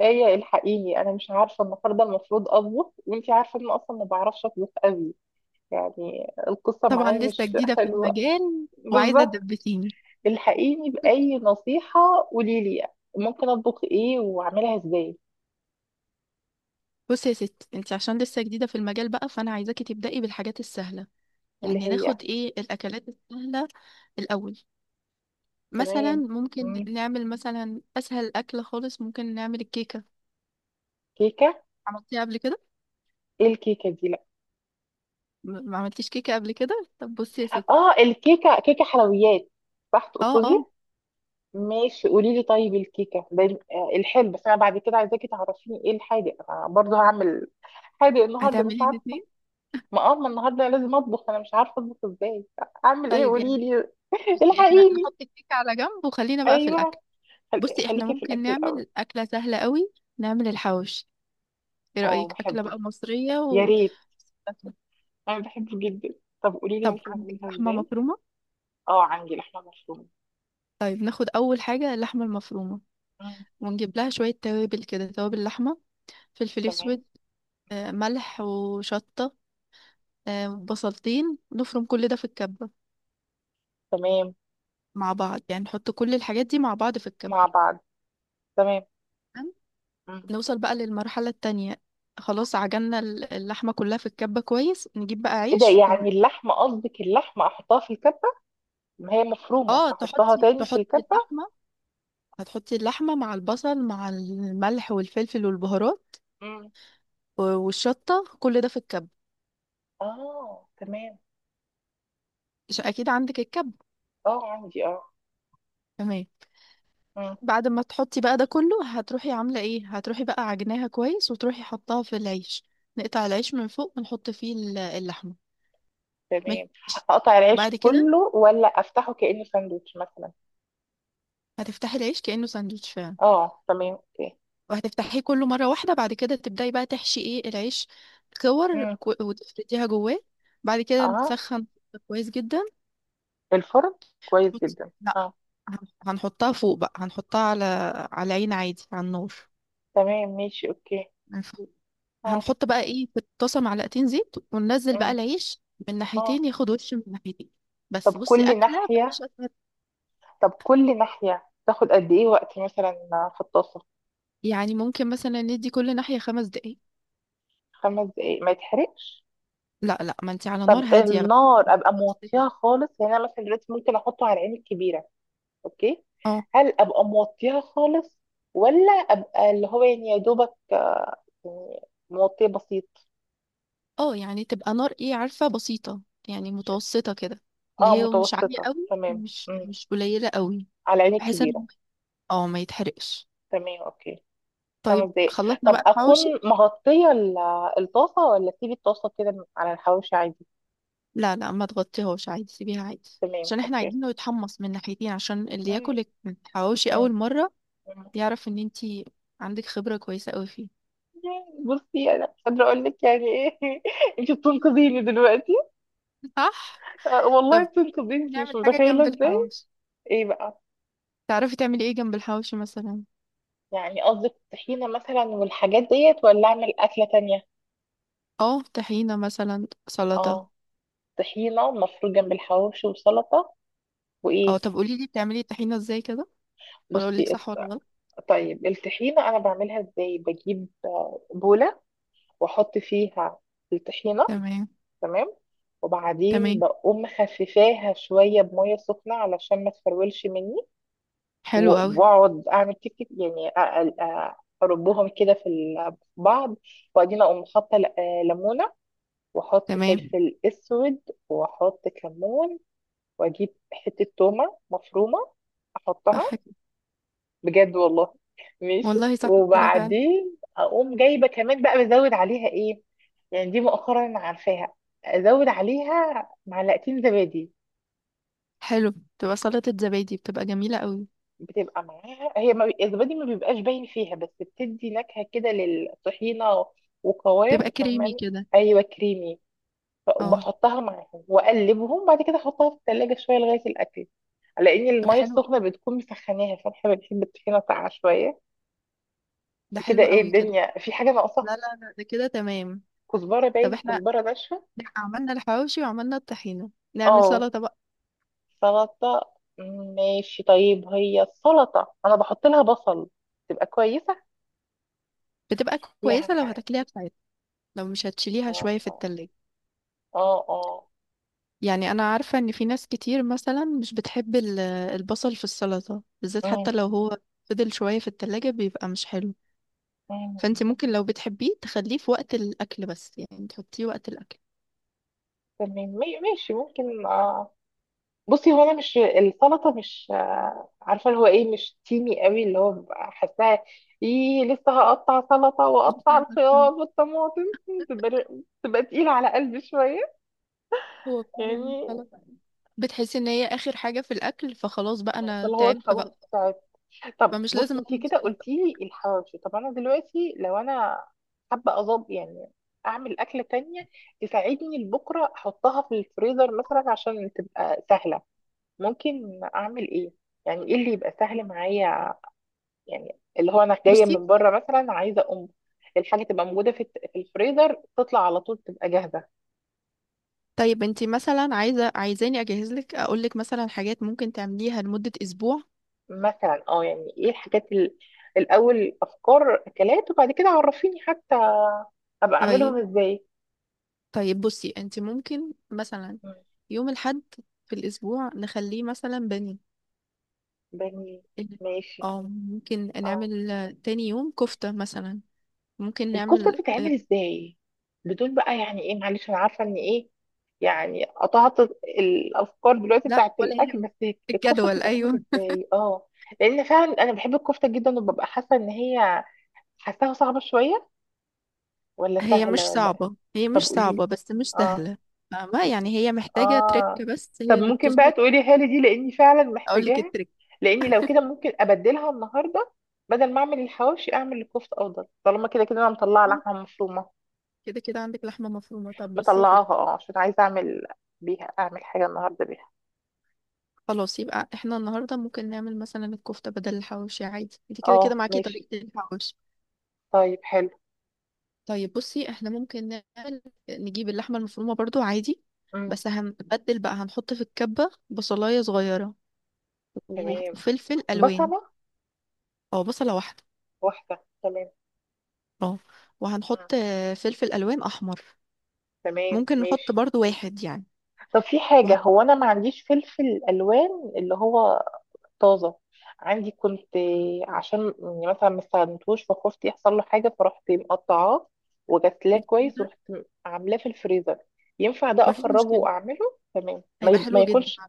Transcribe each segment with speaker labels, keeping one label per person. Speaker 1: ايه الحقيني، انا مش عارفه النهارده المفروض اطبخ، وانتي عارفه ان أنا اصلا ما بعرفش اطبخ قوي. يعني القصه
Speaker 2: طبعا
Speaker 1: معايا
Speaker 2: لسه
Speaker 1: مش
Speaker 2: جديدة في
Speaker 1: حلوه.
Speaker 2: المجال وعايزة
Speaker 1: بالظبط.
Speaker 2: تدبسيني.
Speaker 1: الحقيني باي نصيحه. قولي لي. ممكن اطبخ ايه واعملها ازاي؟
Speaker 2: بصي يا ستي، انت عشان لسه جديدة في المجال بقى فانا عايزاكي تبدأي بالحاجات السهلة.
Speaker 1: اللي
Speaker 2: يعني
Speaker 1: هي؟
Speaker 2: ناخد ايه الاكلات السهلة الاول؟ مثلا
Speaker 1: تمام.
Speaker 2: ممكن
Speaker 1: مم.
Speaker 2: نعمل مثلا اسهل اكل خالص، ممكن نعمل الكيكة.
Speaker 1: كيكه.
Speaker 2: عملتيها قبل كده؟
Speaker 1: ايه الكيكه دي؟ لا.
Speaker 2: ما عملتيش كيكة قبل كده. طب بصي يا ستي.
Speaker 1: اه الكيكه كيكه حلويات، صح
Speaker 2: اه
Speaker 1: تقصدي؟
Speaker 2: اه.
Speaker 1: ماشي قولي لي، طيب الكيكه ده. الحلو، بس انا بعد كده عايزاكي تعرفيني ايه الحادق انا برضه هعمل. حادق النهارده مش
Speaker 2: هتعملي
Speaker 1: عارفه.
Speaker 2: الاتنين.
Speaker 1: ما النهارده لازم اطبخ، انا مش عارفه اطبخ ازاي. اعمل ايه؟
Speaker 2: طيب
Speaker 1: قولي
Speaker 2: يعني،
Speaker 1: لي.
Speaker 2: بصي احنا
Speaker 1: الحقيني.
Speaker 2: نحط الكيكة على جنب وخلينا بقى في الاكل.
Speaker 1: ايوه. خل...
Speaker 2: بصي احنا
Speaker 1: خليكي في
Speaker 2: ممكن
Speaker 1: الاكل الاول.
Speaker 2: نعمل اكلة سهلة قوي، نعمل الحواوشي. ايه
Speaker 1: اه،
Speaker 2: رأيك أكلة
Speaker 1: بحبه.
Speaker 2: بقى مصرية
Speaker 1: يا
Speaker 2: و...
Speaker 1: ريت. انا بحبه جدا. طب قولي لي،
Speaker 2: طب
Speaker 1: ممكن
Speaker 2: عندك
Speaker 1: اعملها
Speaker 2: لحمة
Speaker 1: ازاي؟
Speaker 2: مفرومة؟
Speaker 1: اه، عندي لحمه مفرومه.
Speaker 2: طيب ناخد أول حاجة اللحمة المفرومة،
Speaker 1: مم.
Speaker 2: ونجيب لها شوية توابل كده، توابل لحمة، فلفل أسود،
Speaker 1: تمام.
Speaker 2: ملح وشطة، بصلتين، نفرم كل ده في الكبة.
Speaker 1: تمام.
Speaker 2: مع بعض، يعني نحط كل الحاجات دي مع بعض في الكبة.
Speaker 1: مع بعض. تمام.
Speaker 2: تمام؟
Speaker 1: مم.
Speaker 2: نوصل بقى للمرحلة التانية. خلاص عجننا اللحمة كلها في الكبة كويس، نجيب بقى
Speaker 1: ايه ده؟
Speaker 2: عيش
Speaker 1: يعني اللحمه قصدك اللحمه احطها في الكبه؟ ما هي مفرومه،
Speaker 2: اه
Speaker 1: احطها
Speaker 2: تحطي
Speaker 1: تاني في
Speaker 2: تحطي
Speaker 1: الكبه؟
Speaker 2: اللحمة، هتحطي اللحمة مع البصل مع الملح والفلفل والبهارات
Speaker 1: مم.
Speaker 2: والشطة كل ده في الكب،
Speaker 1: اه، تمام.
Speaker 2: عشان أكيد عندك الكب.
Speaker 1: اه عندي، اه.
Speaker 2: تمام.
Speaker 1: مم.
Speaker 2: بعد ما تحطي بقى ده كله، هتروحي عاملة ايه؟ هتروحي بقى عجناها كويس وتروحي حطاها في العيش، نقطع العيش من فوق ونحط فيه اللحمة. ماشي.
Speaker 1: تمام. اقطع العيش
Speaker 2: بعد كده
Speaker 1: كله ولا افتحه كأنه ساندوتش مثلا؟
Speaker 2: هتفتحي العيش كأنه ساندوتش فعلا،
Speaker 1: اه، تمام، اوكي.
Speaker 2: وهتفتحيه كله مرة واحدة، بعد كده تبدأي بقى تحشي ايه العيش، كور
Speaker 1: امم.
Speaker 2: كو- وتفرديها جواه. بعد كده
Speaker 1: اه،
Speaker 2: نسخن كويس جدا.
Speaker 1: في الفرن. كويس
Speaker 2: هتحطي،
Speaker 1: جدا،
Speaker 2: لا،
Speaker 1: اه.
Speaker 2: هنحطها فوق بقى، هنحطها على على عين عادي على النار،
Speaker 1: تمام ماشي، اوكي.
Speaker 2: من فوق.
Speaker 1: اه.
Speaker 2: هنحط بقى ايه في الطاسه معلقتين زيت وننزل
Speaker 1: امم.
Speaker 2: بقى العيش من
Speaker 1: اه.
Speaker 2: ناحيتين، ياخد وش من ناحيتين.
Speaker 1: طب
Speaker 2: بس بصي
Speaker 1: كل
Speaker 2: اكله مفيش
Speaker 1: ناحية،
Speaker 2: اسهل.
Speaker 1: طب كل ناحية تاخد قد ايه وقت مثلا؟ في الطاسة؟
Speaker 2: يعني ممكن مثلا ندي كل ناحيه خمس دقايق.
Speaker 1: خمس دقايق، ما يتحرقش؟
Speaker 2: لا لا، ما انت على
Speaker 1: طب
Speaker 2: نار هاديه بقى.
Speaker 1: النار ابقى موطيها خالص، يعني انا مثلا دلوقتي ممكن احطه على العين الكبيرة؟ اوكي.
Speaker 2: اه.
Speaker 1: هل ابقى موطيها خالص ولا ابقى اللي هو يعني يا دوبك، يعني موطيه بسيط؟
Speaker 2: اه، يعني تبقى نار، ايه عارفه، بسيطه، يعني
Speaker 1: ش-
Speaker 2: متوسطه كده، اللي
Speaker 1: اه،
Speaker 2: هي مش عاليه
Speaker 1: متوسطة،
Speaker 2: قوي
Speaker 1: تمام.
Speaker 2: مش
Speaker 1: مم.
Speaker 2: مش قليله قوي،
Speaker 1: على العين
Speaker 2: بحيث
Speaker 1: الكبيرة.
Speaker 2: انه اه ما يتحرقش.
Speaker 1: تمام، اوكي.
Speaker 2: طيب
Speaker 1: خمس دقايق.
Speaker 2: خلطنا
Speaker 1: طب
Speaker 2: بقى
Speaker 1: اكون
Speaker 2: الحواوشي.
Speaker 1: مغطية الطاسة، ولا اسيب الطاسة كده على الحواوشي عادي؟
Speaker 2: لا لا، ما تغطيهوش عادي، سيبيها عادي،
Speaker 1: تمام،
Speaker 2: عشان احنا
Speaker 1: اوكي.
Speaker 2: عايزينه يتحمص من ناحيتين، عشان اللي
Speaker 1: مم.
Speaker 2: ياكل الحواوشي
Speaker 1: مم.
Speaker 2: اول مرة
Speaker 1: مم.
Speaker 2: يعرف ان انتي عندك خبرة كويسة قوي فيه.
Speaker 1: بصي انا مش قادرة اقول لك يعني ايه. انت بتنقذيني دلوقتي.
Speaker 2: صح.
Speaker 1: والله
Speaker 2: طب
Speaker 1: بتنقذيني، انت مش
Speaker 2: نعمل حاجة
Speaker 1: متخيلة
Speaker 2: جنب
Speaker 1: ازاي.
Speaker 2: الحواوشي.
Speaker 1: ايه بقى؟
Speaker 2: تعرفي تعملي ايه جنب الحواوشي مثلا؟
Speaker 1: يعني قصدك طحينة مثلا والحاجات ديت، ولا اعمل اكلة تانية؟
Speaker 2: اه طحينة مثلا، سلطة.
Speaker 1: اه، طحينة مفروض جنب الحواوشي، وسلطة،
Speaker 2: اه
Speaker 1: وايه؟
Speaker 2: طب قولي لي بتعملي الطحينة ازاي كده، ولا اقول لك
Speaker 1: بصي،
Speaker 2: صح ولا غلط.
Speaker 1: طيب الطحينة أنا بعملها إزاي؟ بجيب بولة، وأحط فيها الطحينة.
Speaker 2: تمام.
Speaker 1: تمام. وبعدين
Speaker 2: تمام.
Speaker 1: بقوم مخففاها شوية بمية سخنة علشان ما تفرولش مني.
Speaker 2: حلو قوي.
Speaker 1: و- وأقعد أعمل تك تك، يعني أربهم كده في في بعض. وبعدين أقوم حاطة ليمونة، وأحط
Speaker 2: تمام.
Speaker 1: فلفل أسود، وأحط كمون، وأجيب حتة تومة مفرومة
Speaker 2: صح
Speaker 1: أحطها.
Speaker 2: كده.
Speaker 1: بجد والله. ماشي،
Speaker 2: والله صح كده فعلا.
Speaker 1: وبعدين اقوم جايبه كمان بقى، بزود عليها ايه؟ يعني دي مؤخرا انا عارفاها، ازود عليها معلقتين زبادي.
Speaker 2: حلو. بتبقى سلطة زبادي بتبقى جميلة قوي.
Speaker 1: بتبقى معاها هي ما بي- الزبادي ما بيبقاش باين فيها، بس بتدي نكهه كده للطحينه وقوام،
Speaker 2: بتبقى كريمي
Speaker 1: فاهماني؟
Speaker 2: كده.
Speaker 1: ايوه كريمي.
Speaker 2: اه.
Speaker 1: بحطها معاهم واقلبهم، بعد كده احطها في الثلاجه شويه لغايه الاكل، على ان
Speaker 2: طب
Speaker 1: الميه
Speaker 2: حلو،
Speaker 1: السخنه بتكون مسخناها، فاحنا بنحب الطحينه ساقعه شويه.
Speaker 2: ده
Speaker 1: كده
Speaker 2: حلو
Speaker 1: ايه؟
Speaker 2: قوي كده.
Speaker 1: الدنيا في حاجه ناقصه؟
Speaker 2: لا لا لا، ده كده تمام.
Speaker 1: كزبرة،
Speaker 2: طب
Speaker 1: باين
Speaker 2: احنا
Speaker 1: كزبرة ناشفة.
Speaker 2: عملنا الحواوشي وعملنا الطحينة، نعمل
Speaker 1: اه،
Speaker 2: سلطة بقى.
Speaker 1: سلطة. ماشي طيب، هي السلطة انا بحط لها بصل تبقى كويسة؟
Speaker 2: بتبقى
Speaker 1: يا،
Speaker 2: كويسة لو هتاكليها بتاعتها، لو مش هتشيليها شوية في
Speaker 1: اه،
Speaker 2: التلاجة.
Speaker 1: اه، اه.
Speaker 2: يعني انا عارفة ان في ناس كتير مثلا مش بتحب البصل في السلطة بالذات،
Speaker 1: أمم.
Speaker 2: حتى لو هو فضل شوية في التلاجة بيبقى مش حلو.
Speaker 1: أمم.
Speaker 2: فانت ممكن لو بتحبيه تخليه في وقت الاكل، بس يعني تحطيه وقت الاكل.
Speaker 1: تمام، ماشي، ممكن، اه. بصي هو انا مش، السلطة مش عارفة اللي هو ايه، مش تيمي قوي اللي هو ببقى حاساها. ايه، لسه هقطع سلطة واقطع
Speaker 2: بتاخد time.
Speaker 1: الخيار والطماطم، تبقى تبقى تقيلة على قلبي شوية.
Speaker 2: هو فعلا
Speaker 1: يعني
Speaker 2: سلطة بتحسي ان هي اخر حاجة في الاكل، فخلاص بقى انا
Speaker 1: فاللي هو
Speaker 2: تعبت
Speaker 1: خلاص.
Speaker 2: بقى،
Speaker 1: طب
Speaker 2: فمش
Speaker 1: بص
Speaker 2: لازم
Speaker 1: انت
Speaker 2: اعمل
Speaker 1: كده
Speaker 2: سلطة.
Speaker 1: قلتي لي الحواوشي، طب انا دلوقتي لو انا حابه اظبط يعني، اعمل اكله تانية تساعدني لبكره احطها في الفريزر مثلا عشان تبقى سهله. ممكن اعمل ايه؟ يعني ايه اللي يبقى سهل معايا؟ يعني اللي هو انا جايه
Speaker 2: بصي،
Speaker 1: من بره مثلا، عايزه اقوم الحاجه تبقى موجوده في الفريزر، تطلع على طول تبقى جاهزه.
Speaker 2: طيب انتي مثلا عايزه عايزاني اجهز لك اقول لك مثلا حاجات ممكن تعمليها لمده اسبوع.
Speaker 1: مثلا اه، يعني ايه الحاجات الاول، افكار اكلات وبعد كده عرفيني حتى ابقى
Speaker 2: طيب.
Speaker 1: اعملهم ازاي.
Speaker 2: طيب بصي انتي ممكن مثلا يوم الحد في الاسبوع نخليه مثلا بني
Speaker 1: بني.
Speaker 2: ال-
Speaker 1: ماشي.
Speaker 2: اه ممكن
Speaker 1: اه.
Speaker 2: نعمل تاني يوم كفته مثلا، ممكن
Speaker 1: الكفتة
Speaker 2: نعمل اه.
Speaker 1: بتتعمل ازاي؟ بدون بقى، يعني ايه، معلش انا عارفة ان ايه، يعني قطعت الافكار دلوقتي
Speaker 2: لا
Speaker 1: بتاعت
Speaker 2: ولا
Speaker 1: الاكل،
Speaker 2: يهم
Speaker 1: بس الكفتة
Speaker 2: الجدول،
Speaker 1: بتتعمل
Speaker 2: ايوه.
Speaker 1: ازاي؟ اه. لان فعلا انا بحب الكفتة جدا، وببقى حاسة ان هي حاساها صعبة شوية، ولا
Speaker 2: هي مش
Speaker 1: سهلة ولا إيه؟
Speaker 2: صعبه، هي
Speaker 1: طب
Speaker 2: مش
Speaker 1: قولي لي.
Speaker 2: صعبه بس مش
Speaker 1: اه.
Speaker 2: سهله. فاهمه يعني، هي محتاجه تريك
Speaker 1: اه.
Speaker 2: بس
Speaker 1: طب
Speaker 2: هي اللي
Speaker 1: ممكن بقى
Speaker 2: بتظبط.
Speaker 1: تقولي لي دي لاني فعلا
Speaker 2: اقول لك
Speaker 1: محتاجاها،
Speaker 2: التريك.
Speaker 1: لاني لو كده ممكن ابدلها النهارده، بدل ما اعمل الحواوشي اعمل الكفته افضل، طالما كده كده انا مطلعه لحمه مفرومه،
Speaker 2: كده كده عندك لحمه مفرومه، طب بصي يا
Speaker 1: مطلعاها،
Speaker 2: ستي،
Speaker 1: اه، عشان عايزه اعمل بيها، اعمل حاجه النهارده بيها.
Speaker 2: خلاص يبقى احنا النهارده ممكن نعمل مثلا الكفته بدل الحواوشي عادي، انت كده
Speaker 1: اه،
Speaker 2: كده معاكي
Speaker 1: ماشي.
Speaker 2: طريقه الحواوشي.
Speaker 1: طيب حلو.
Speaker 2: طيب بصي احنا ممكن نعمل، نجيب اللحمه المفرومه برضو عادي،
Speaker 1: امم.
Speaker 2: بس هنبدل بقى، هنحط في الكبه بصلايه صغيره
Speaker 1: تمام.
Speaker 2: وفلفل الوان،
Speaker 1: بصله
Speaker 2: او بصله واحده.
Speaker 1: واحده، تمام.
Speaker 2: اه.
Speaker 1: مم.
Speaker 2: وهنحط فلفل الوان احمر،
Speaker 1: تمام،
Speaker 2: ممكن نحط
Speaker 1: ماشي.
Speaker 2: برضو واحد يعني.
Speaker 1: طب في حاجه،
Speaker 2: وهحط
Speaker 1: هو انا ما عنديش فلفل الوان اللي هو طازة، عندي كنت، عشان يعني مثلا ما استخدمتهوش فخفت يحصل له حاجة، فرحت مقطعاه وغسلاه
Speaker 2: في
Speaker 1: كويس
Speaker 2: الفريزر.
Speaker 1: ورحت عاملاه في الفريزر. ينفع ده
Speaker 2: مفيش
Speaker 1: أخرجه
Speaker 2: مشكله،
Speaker 1: وأعمله تمام،
Speaker 2: هيبقى
Speaker 1: ما
Speaker 2: حلو جدا.
Speaker 1: يكونش،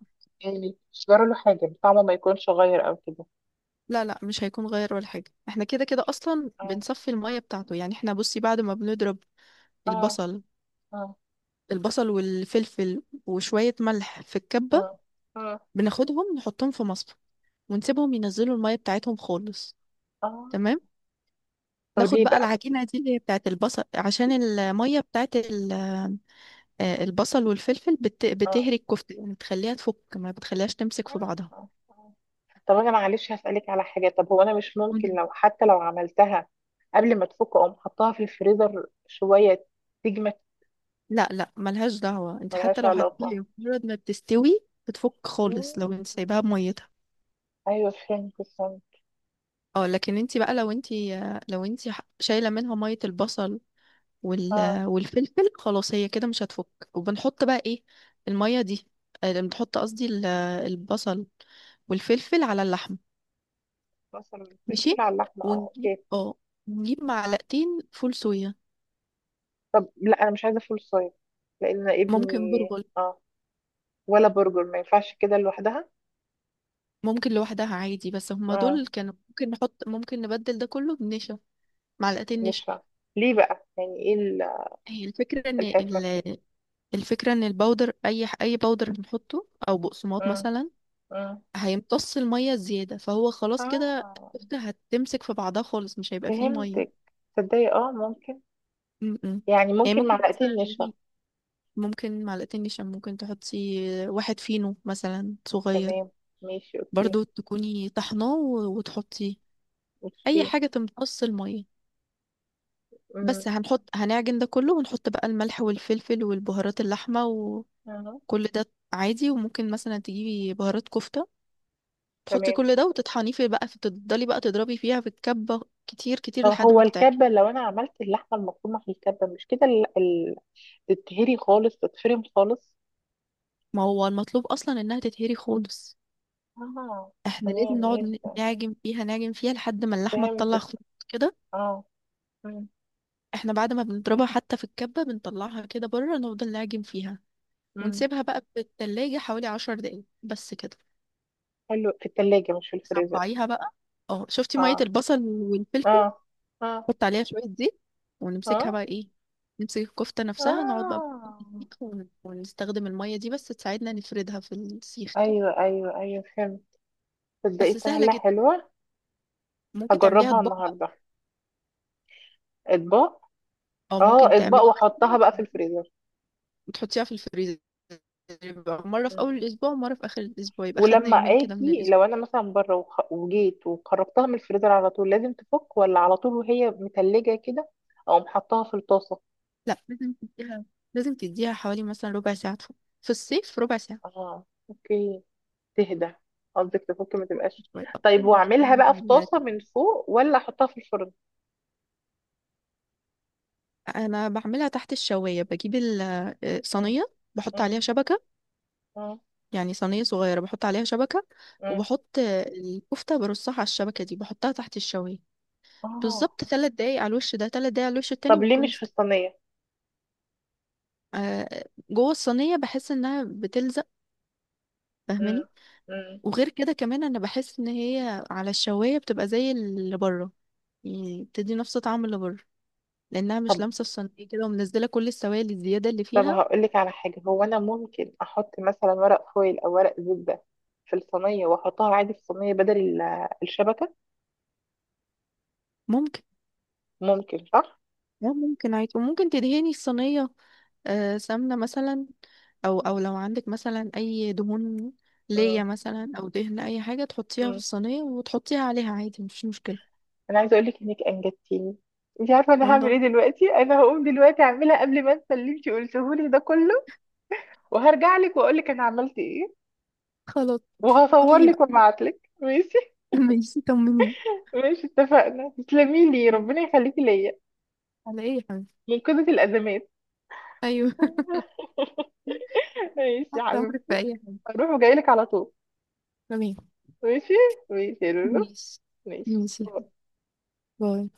Speaker 1: يعني ما يكونش جرى له حاجة، طعمه ما يكونش غير أو كده؟
Speaker 2: لا لا مش هيكون غير ولا حاجة، احنا كده كده اصلا
Speaker 1: اه،
Speaker 2: بنصفي المية بتاعته. يعني احنا بصي بعد ما بنضرب
Speaker 1: اه،
Speaker 2: البصل،
Speaker 1: اه،
Speaker 2: البصل والفلفل وشوية ملح في الكبة،
Speaker 1: اه، اه.
Speaker 2: بناخدهم نحطهم في مصفى ونسيبهم ينزلوا المية بتاعتهم خالص.
Speaker 1: آه.
Speaker 2: تمام.
Speaker 1: طب
Speaker 2: ناخد
Speaker 1: ليه
Speaker 2: بقى
Speaker 1: بقى؟
Speaker 2: العجينة دي اللي هي بتاعت البصل، عشان المية بتاعت البصل والفلفل
Speaker 1: اه.
Speaker 2: بتهري الكفتة، يعني بتخليها تفك ما بتخليهاش تمسك في بعضها.
Speaker 1: آه. آه. طب أنا معلش هسألك على حاجة، طب هو أنا مش ممكن
Speaker 2: قولي.
Speaker 1: لو، حتى لو عملتها قبل ما تفك أقوم حطها في الفريزر شوية تجمد؟
Speaker 2: لا لا ملهاش دعوة، انت حتى
Speaker 1: ملهاش
Speaker 2: لو
Speaker 1: علاقة.
Speaker 2: هتطلعي مجرد ما بتستوي بتفك
Speaker 1: مم.
Speaker 2: خالص لو انت سايباها بميتها.
Speaker 1: أيوة فهمت، استنى.
Speaker 2: اه لكن انت بقى لو انت، لو انت شايلة منها مية البصل
Speaker 1: اه.
Speaker 2: والفلفل، خلاص هي كده مش هتفك. وبنحط بقى ايه المية دي، بنحط قصدي البصل والفلفل على اللحم.
Speaker 1: بصل
Speaker 2: ماشي.
Speaker 1: والفلفل على اللحمة، اه،
Speaker 2: ونجيب
Speaker 1: اوكي.
Speaker 2: اه نجيب معلقتين فول صويا.
Speaker 1: طب لا، أنا مش عايزة فول صويا لأن ابني،
Speaker 2: ممكن برغل.
Speaker 1: اه، ولا برجر ما ينفعش كده لوحدها؟
Speaker 2: ممكن لوحدها عادي، بس هما
Speaker 1: اه.
Speaker 2: دول كانوا ممكن نحط، ممكن نبدل ده كله بنشا. معلقتين
Speaker 1: مش
Speaker 2: نشا.
Speaker 1: فاهمة. ليه بقى؟ يعني ايه
Speaker 2: هي الفكرة ان
Speaker 1: الحكمة فيها؟
Speaker 2: الفكرة ان البودر، اي اي بودر بنحطه او بقسماط
Speaker 1: مم.
Speaker 2: مثلا
Speaker 1: مم.
Speaker 2: هيمتص المية الزيادة، فهو خلاص كده
Speaker 1: اه،
Speaker 2: الكفتة هتمسك في بعضها خالص مش هيبقى فيه مية.
Speaker 1: فهمتك. تصدقي اه ممكن،
Speaker 2: مم.
Speaker 1: يعني
Speaker 2: يعني
Speaker 1: ممكن
Speaker 2: ممكن
Speaker 1: معلقتين نشا.
Speaker 2: مثلا، ممكن معلقتين نشا، ممكن تحطي واحد فينو مثلا صغير،
Speaker 1: تمام، ماشي، اوكي.
Speaker 2: برضو تكوني طحناه وتحطي أي
Speaker 1: اوكي.
Speaker 2: حاجة تمتص المية.
Speaker 1: مم.
Speaker 2: بس هنعجن ده كله ونحط بقى الملح والفلفل والبهارات اللحمة وكل
Speaker 1: مم.
Speaker 2: ده عادي. وممكن مثلا تجيبي بهارات كفتة تحطي
Speaker 1: تمام.
Speaker 2: كل ده وتطحنيه، في بقى فتفضلي بقى تضربي فيها في الكبة كتير كتير لحد
Speaker 1: هو
Speaker 2: ما تتعجن.
Speaker 1: الكبة لو أنا عملت اللحمة المفرومة في الكبة مش كده تتهري خالص، تتفرم خالص؟
Speaker 2: ما هو المطلوب اصلا انها تتهري خالص.
Speaker 1: اه.
Speaker 2: احنا لازم
Speaker 1: تمام
Speaker 2: نقعد
Speaker 1: ماشي،
Speaker 2: نعجن فيها نعجن فيها لحد ما اللحمه تطلع
Speaker 1: فهمتك.
Speaker 2: خطوط كده.
Speaker 1: اه. مم.
Speaker 2: احنا بعد ما بنضربها حتى في الكبه بنطلعها كده بره، نفضل نعجن فيها،
Speaker 1: مم.
Speaker 2: ونسيبها بقى في التلاجة حوالي عشر دقايق بس كده.
Speaker 1: حلو، في التلاجة مش في الفريزر؟
Speaker 2: صبعيها بقى، اه شفتي
Speaker 1: اه،
Speaker 2: ميه البصل
Speaker 1: اه،
Speaker 2: والفلفل،
Speaker 1: اه،
Speaker 2: حط عليها شويه زيت، ونمسكها
Speaker 1: اه،
Speaker 2: بقى ايه، نمسك الكفته نفسها، نقعد بقى في
Speaker 1: اه.
Speaker 2: السيخ ونستخدم الميه دي بس تساعدنا نفردها في السيخ كده.
Speaker 1: ايوه، ايوه، ايوه، فهمت. تصدقي
Speaker 2: بس سهله
Speaker 1: سهلة
Speaker 2: جدا.
Speaker 1: حلوة،
Speaker 2: ممكن تعمليها
Speaker 1: هجربها
Speaker 2: اطباق،
Speaker 1: النهاردة. اطباق.
Speaker 2: او
Speaker 1: اه،
Speaker 2: ممكن
Speaker 1: اطباق
Speaker 2: تعملي
Speaker 1: واحطها
Speaker 2: مثلا
Speaker 1: بقى في
Speaker 2: كده
Speaker 1: الفريزر.
Speaker 2: وتحطيها في الفريزر، يبقى مرة في
Speaker 1: مم.
Speaker 2: أول الأسبوع ومرة في آخر الأسبوع، يبقى خدنا
Speaker 1: ولما
Speaker 2: يومين كده من
Speaker 1: اجي، لو
Speaker 2: الأسبوع.
Speaker 1: انا مثلا بره وجيت وخرجتها من الفريزر على طول، لازم تفك ولا على طول وهي متلجة كده اقوم حطها في الطاسة؟
Speaker 2: لا لازم تديها، لازم تديها حوالي مثلا ربع ساعة، في الصيف ربع ساعة
Speaker 1: اه، اوكي. تهدى، قصدك تفك ما تبقاش.
Speaker 2: شوية.
Speaker 1: طيب
Speaker 2: إيه ده؟
Speaker 1: واعملها بقى في
Speaker 2: لا،
Speaker 1: طاسة من فوق ولا احطها في الفرن؟
Speaker 2: أنا بعملها تحت الشواية. بجيب
Speaker 1: مم.
Speaker 2: الصينية، بحط
Speaker 1: مم.
Speaker 2: عليها شبكة،
Speaker 1: مم.
Speaker 2: يعني صينية صغيرة بحط عليها شبكة،
Speaker 1: مم.
Speaker 2: وبحط الكفتة برصها على الشبكة دي بحطها تحت الشواية
Speaker 1: اه.
Speaker 2: بالظبط، ثلاث دقايق على الوش ده ثلاث دقايق على الوش التاني
Speaker 1: طب ليه
Speaker 2: بيكون.
Speaker 1: مش في الصينية؟
Speaker 2: آه، جوه الصينية بحس انها بتلزق،
Speaker 1: مم.
Speaker 2: فاهماني.
Speaker 1: مم.
Speaker 2: وغير كده كمان انا بحس ان هي على الشواية بتبقى زي اللي بره، يعني بتدي نفس طعم اللي بره، لانها مش
Speaker 1: طب
Speaker 2: لامسة الصينية كده ومنزلة كل السوائل الزيادة اللي
Speaker 1: طب
Speaker 2: فيها.
Speaker 1: هقول لك على حاجة، هو انا ممكن احط مثلا ورق فويل او ورق زبدة في الصينية واحطها عادي في الصينية بدل الشبكة؟
Speaker 2: ممكن.
Speaker 1: ممكن صح.
Speaker 2: اه ممكن عادي، وممكن تدهني الصينية سمنة مثلا، او او لو عندك مثلا اي دهون
Speaker 1: مم.
Speaker 2: ليا مثلا او دهن اي حاجة تحطيها في
Speaker 1: مم.
Speaker 2: الصينية وتحطيها عليها عادي، مفيش مشكلة.
Speaker 1: انا عايزه اقول لك انك انجدتيني. انت عارفه انا هعمل
Speaker 2: والله.
Speaker 1: ايه دلوقتي؟ انا هقوم دلوقتي اعملها قبل ما انسى اللي انت قلته لي ده كله، وهرجع لك واقول لك انا عملت ايه،
Speaker 2: خلاص.
Speaker 1: وهصور
Speaker 2: طمني
Speaker 1: لك
Speaker 2: بقى.
Speaker 1: وابعت لك. ماشي،
Speaker 2: ماشي طمني.
Speaker 1: ماشي اتفقنا، تسلمي لي، ربنا يخليكي ليا.
Speaker 2: على ايه يا حبيبي.
Speaker 1: منقذة الازمات.
Speaker 2: ايوه.
Speaker 1: ماشي يا
Speaker 2: تحت امرك
Speaker 1: حبيبتي.
Speaker 2: في اي حاجه.
Speaker 1: هروح وجاي لك على طول.
Speaker 2: تمام.
Speaker 1: ماشي. ماشي يا لولو.
Speaker 2: ماشي.
Speaker 1: ماشي.
Speaker 2: ماشي. باي.